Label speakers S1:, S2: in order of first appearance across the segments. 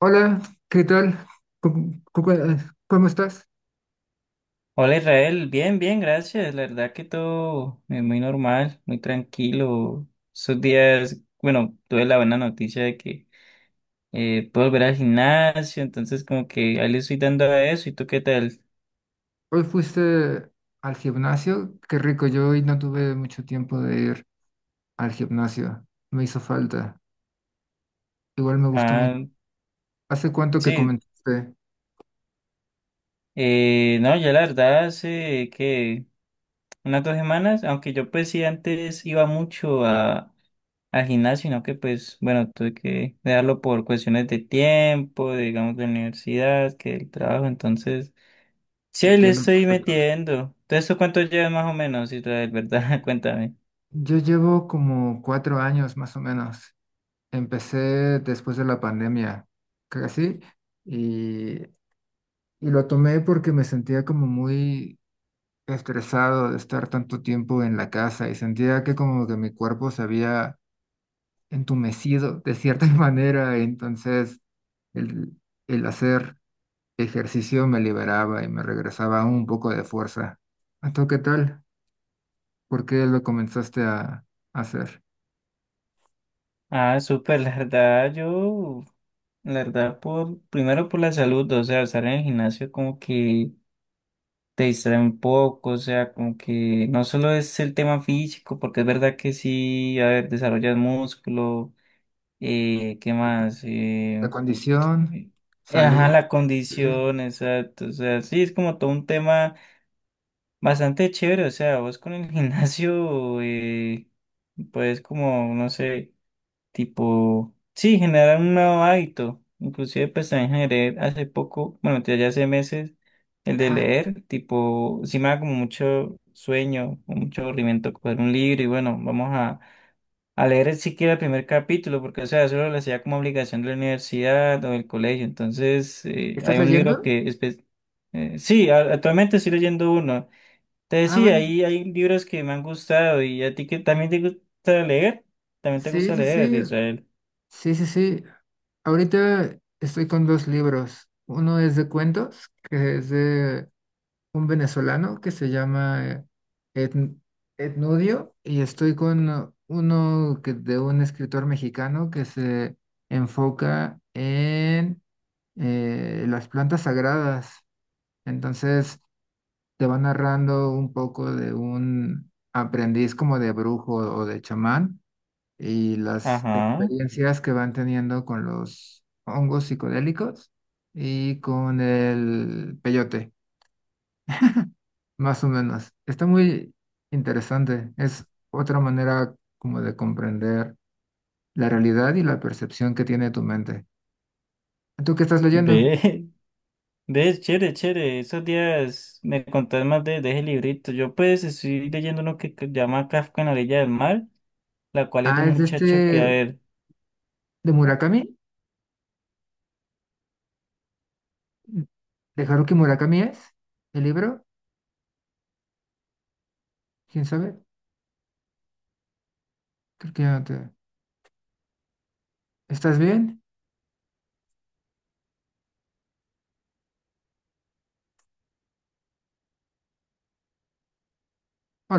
S1: Hola, ¿qué tal? ¿Cómo, cómo- eh, cómo estás?
S2: Hola Israel, bien, bien, gracias. La verdad que todo muy normal, muy tranquilo. Esos días, bueno, tuve la buena noticia de que puedo volver al gimnasio, entonces como que ahí le estoy dando a eso. ¿Y tú qué tal?
S1: Hoy fuiste al gimnasio. Qué rico, yo hoy no tuve mucho tiempo de ir al gimnasio. Me hizo falta. Igual me gustó mucho.
S2: Ah,
S1: ¿Hace cuánto que
S2: sí,
S1: comenzaste?
S2: no, ya la verdad hace que unas dos semanas, aunque yo pues sí antes iba mucho a, al gimnasio, sino que pues bueno, tuve que dejarlo por cuestiones de tiempo, digamos de la universidad, que del trabajo, entonces... Sí,
S1: Te
S2: ahí le
S1: entiendo
S2: estoy
S1: perfecto.
S2: metiendo. ¿De eso cuánto llevas más o menos, Israel, verdad? Cuéntame.
S1: Yo llevo como cuatro años más o menos. Empecé después de la pandemia, casi, y, y lo tomé porque me sentía como muy estresado de estar tanto tiempo en la casa y sentía que como que mi cuerpo se había entumecido de cierta manera, entonces el, el hacer ejercicio me liberaba y me regresaba un poco de fuerza. ¿A tú qué tal? ¿Por qué lo comenzaste a hacer?
S2: Ah, súper, la verdad, yo, la verdad, por, primero por la salud, o sea, estar en el gimnasio como que te distrae un poco, o sea, como que no solo es el tema físico, porque es verdad que sí, a ver, desarrollas músculo, ¿qué
S1: Perfecto.
S2: más?
S1: La condición,
S2: Ajá,
S1: salud,
S2: la
S1: sí.
S2: condición, exacto, o sea, sí, es como todo un tema bastante chévere, o sea, vos con el gimnasio, pues como, no sé, tipo, sí, generar un nuevo hábito. Inclusive pues también generé hace poco, bueno, ya hace meses, el de
S1: Ajá.
S2: leer, tipo, si me da como mucho sueño, o mucho aburrimiento coger un libro y bueno, vamos a leer siquiera el primer capítulo, porque o sea, eso lo hacía como obligación de la universidad o del colegio. Entonces,
S1: ¿Estás
S2: hay un
S1: leyendo?
S2: libro que, sí, actualmente estoy leyendo uno. Entonces
S1: Ah,
S2: sí,
S1: vale.
S2: hay libros que me han gustado y a ti que también te gusta leer,
S1: Sí, sí, sí.
S2: Israel.
S1: Sí, sí, sí. Ahorita estoy con dos libros. Uno es de cuentos, que es de un venezolano que se llama Etn- Etnudio, y estoy con uno que, de un escritor mexicano que se enfoca en las plantas sagradas. Entonces te va narrando un poco de un aprendiz como de brujo o de chamán y las
S2: Ajá,
S1: experiencias que van teniendo con los hongos psicodélicos y con el peyote, más o menos. Está muy interesante. Es otra manera como de comprender la realidad y la percepción que tiene tu mente. ¿Tú qué estás leyendo?
S2: ve, ve, chévere, chévere. Esos días me contás más de ese librito. Yo pues estoy leyendo uno que llama Kafka en la orilla del mar, la cual es de
S1: Ah,
S2: un
S1: es de
S2: muchacho que, a
S1: este
S2: ver,
S1: de Murakami, de Haruki Murakami es el libro. ¿Quién sabe? Creo que ya no te... ¿Estás bien?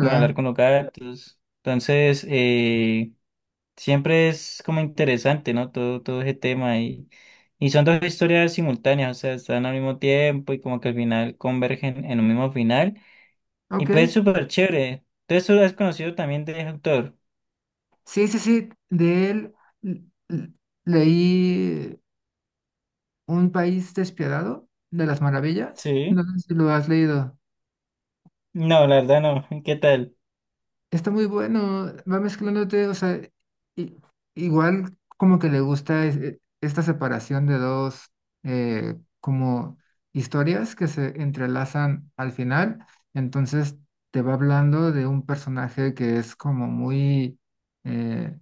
S2: como hablar con los gatos. Entonces, siempre es como interesante, ¿no? Todo ese tema y son dos historias simultáneas, o sea, están al mismo tiempo y como que al final convergen en un mismo final. Y
S1: Ok.
S2: pues es súper chévere. Entonces, ¿lo has conocido también de ese autor?
S1: Sí, sí, sí, de él l- l- leí Un país despiadado de las maravillas. No
S2: Sí.
S1: sé si lo has leído.
S2: No, la verdad no. ¿Qué tal?
S1: Está muy bueno, va mezclándote, o sea, i- igual como que le gusta esta separación de dos como historias que se entrelazan al final. Entonces te va hablando de un personaje que es como muy... eh,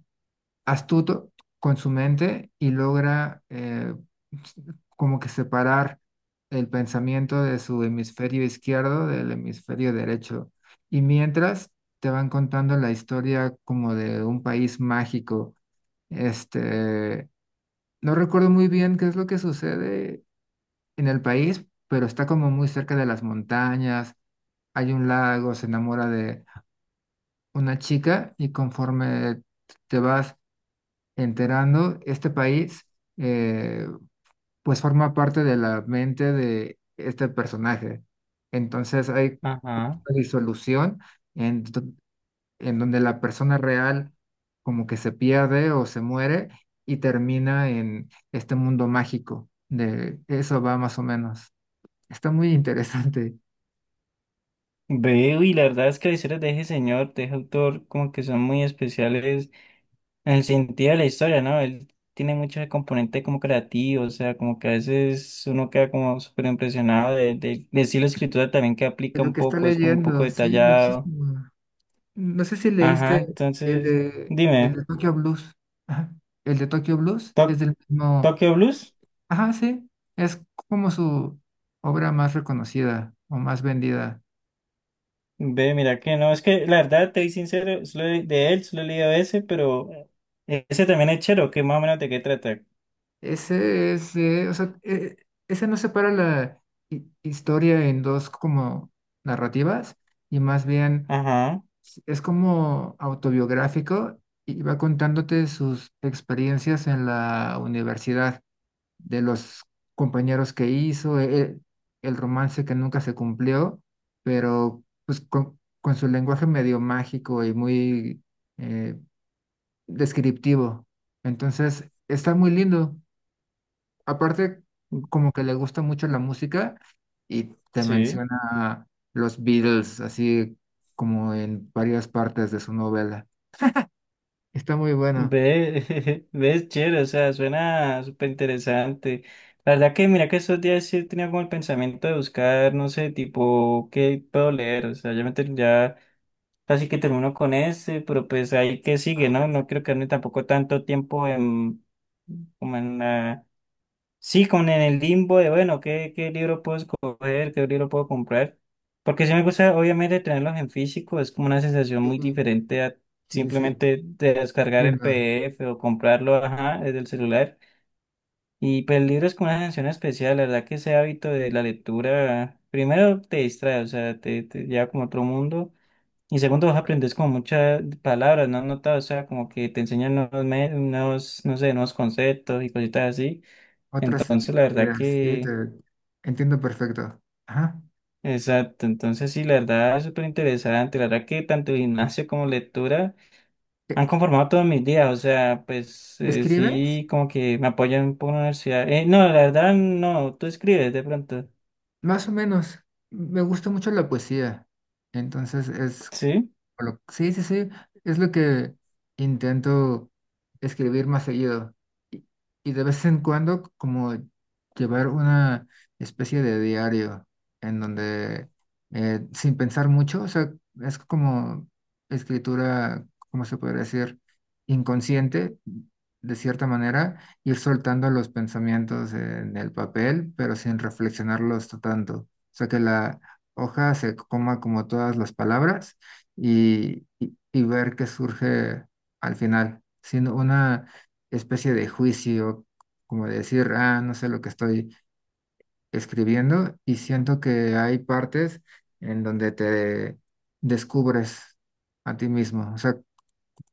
S1: astuto con su mente y logra como que separar el pensamiento de su hemisferio izquierdo del hemisferio derecho. Y mientras te van contando la historia como de un país mágico, este, no recuerdo muy bien qué es lo que sucede en el país, pero está como muy cerca de las montañas, hay un lago, se enamora de una chica y conforme te vas enterando, este país eh, pues forma parte de la mente de este personaje. Entonces hay
S2: Ajá.
S1: una disolución en, do- en donde la persona real como que se pierde o se muere y termina en este mundo mágico. De eso va más o menos. Está muy interesante.
S2: Veo y la verdad es que las historias de ese señor, de ese autor, como que son muy especiales en el sentido de la historia, ¿no? Él tiene muchos componentes como creativos, o sea, como que a veces uno queda como súper impresionado de estilo de escritura también que aplica
S1: Lo
S2: un
S1: que está
S2: poco, es como un poco
S1: leyendo, sí,
S2: detallado.
S1: muchísimo. No sé si
S2: Ajá,
S1: leíste
S2: entonces,
S1: el
S2: dime,
S1: de Tokyo Blues. Ajá. El de Tokyo Blues es
S2: ¿Tok-
S1: del mismo.
S2: Tokyo Blues?
S1: Ajá, sí, es como su obra más reconocida o más vendida.
S2: Ve, mira que no, es que la verdad, te soy sincero, solo de él, solo he leído ese, pero ese también es chero, ¿que más o menos de qué trata?
S1: Ese es, o sea, ese no separa la historia en dos como narrativas y más bien
S2: Ajá,
S1: es como autobiográfico y va contándote sus experiencias en la universidad. De los compañeros que hizo, el romance que nunca se cumplió, pero pues con su lenguaje medio mágico y muy eh, descriptivo. Entonces, está muy lindo. Aparte, como que le gusta mucho la música y te
S2: sí.
S1: menciona los Beatles, así como en varias partes de su novela. Está muy bueno.
S2: Ve, ves, chévere, o sea, suena súper interesante. La verdad que mira que estos días sí tenía como el pensamiento de buscar, no sé, tipo, ¿qué puedo leer? O sea, ya, ya casi que termino con este, pero pues ahí que sigue,
S1: Ah,
S2: ¿no? No quiero quedarme tampoco tanto tiempo en, como en la... Sí, como en el limbo de, bueno, ¿qué, qué libro puedo escoger? ¿Qué libro puedo comprar? Porque sí me gusta, obviamente, tenerlos en físico. Es como una sensación
S1: sí,
S2: muy diferente a
S1: sí, sí,
S2: simplemente de descargar el
S1: entiendo.
S2: PDF o comprarlo, ajá, desde el celular. Y pues el libro es como una sensación especial. La verdad que ese hábito de la lectura, primero te distrae, o sea, te lleva como a otro mundo. Y segundo, vos aprendes como muchas palabras, ¿no has notado? O sea, como que te enseñan nuevos, nuevos, no sé, nuevos conceptos y cositas así.
S1: Otras
S2: Entonces, la verdad
S1: ideas, sí,
S2: que,
S1: te entiendo perfecto. Ajá.
S2: exacto, entonces sí, la verdad es súper interesante, la verdad que tanto gimnasio como lectura
S1: ¿E-
S2: han conformado todos mis días, o sea, pues
S1: ¿Escribes?
S2: sí, como que me apoyan un poco la universidad. No, la verdad no, tú escribes de pronto,
S1: Más o menos. Me gusta mucho la poesía. Entonces es
S2: ¿sí?
S1: sí, sí, sí, es lo que intento escribir más seguido. Y, y de vez en cuando como llevar una especie de diario en donde sin pensar mucho, o sea, es como escritura, ¿cómo se podría decir? Inconsciente, de cierta manera, ir soltando los pensamientos en el papel, pero sin reflexionarlos tanto. O sea, que la hoja se coma como todas las palabras y ver qué surge al final, sino una especie de juicio, como decir, ah, no sé lo que estoy escribiendo y siento que hay partes en donde te descubres a ti mismo, o sea,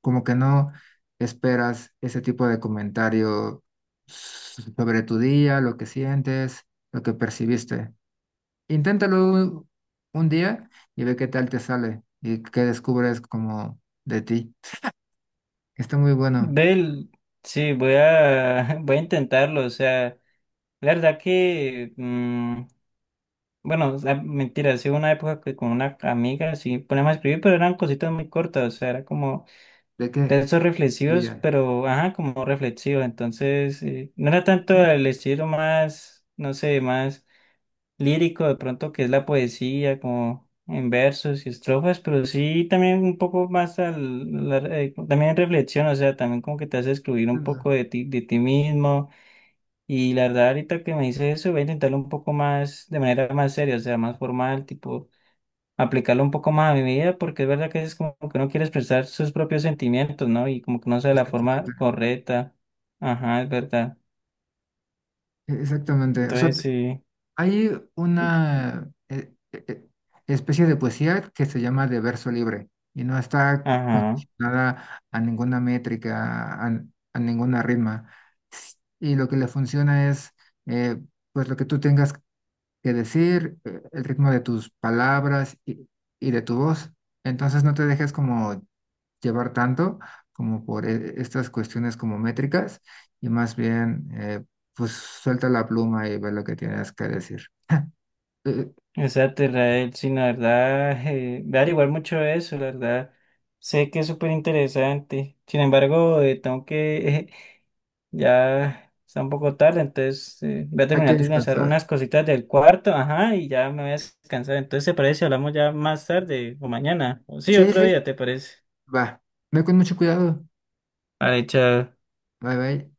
S1: como que no esperas ese tipo de comentario sobre tu día, lo que sientes, lo que percibiste. Inténtalo un día y ve qué tal te sale y qué descubres como de ti. Está muy bueno.
S2: Bel, sí, voy a intentarlo, o sea, la verdad que, bueno, o sea, mentira, sí, hubo una época que con una amiga sí ponemos a escribir, pero eran cositas muy cortas, o sea, era como...
S1: ¿De qué?
S2: Textos reflexivos,
S1: Lluvia.
S2: pero, ajá, como reflexivo. Entonces, no era tanto
S1: Sí,
S2: el estilo más, no sé, más lírico de pronto que es la poesía, como en versos y estrofas, pero sí también un poco más al, también reflexión, o sea, también como que te hace excluir un
S1: nada,
S2: poco de ti mismo. Y la verdad, ahorita que me dices eso, voy a intentarlo un poco más, de manera más seria, o sea, más formal, tipo aplicarlo un poco más a mi vida, porque es verdad que es como que uno quiere expresar sus propios sentimientos, ¿no? Y como que no sé de la forma
S1: exactamente.
S2: correcta. Ajá, es verdad.
S1: Exactamente. O sea,
S2: Entonces
S1: te-
S2: sí,
S1: hay una especie de poesía que se llama de verso libre y no está
S2: ajá.
S1: condicionada a ninguna métrica, a ninguna ritma. S- Y lo que le funciona es eh, pues lo que tú tengas que decir, el ritmo de tus palabras y de tu voz. Entonces no te dejes como llevar tanto como por estas cuestiones como métricas y más bien pues suelta la pluma y ve lo que tienes que decir. Eh,
S2: Exacto, Israel, sí, la verdad, voy a averiguar mucho de eso, la verdad. Sé que es súper interesante. Sin embargo, tengo que, ya está un poco tarde, entonces voy a
S1: hay que
S2: terminar de organizar
S1: descansar.
S2: unas cositas del cuarto, ajá, y ya me voy a descansar. Entonces, ¿te parece si hablamos ya más tarde o mañana? O sí,
S1: Sí, sí,
S2: otro
S1: sí.
S2: día, ¿te parece?
S1: Va. Ve con mucho cuidado.
S2: Vale, chao.
S1: Bye, bye.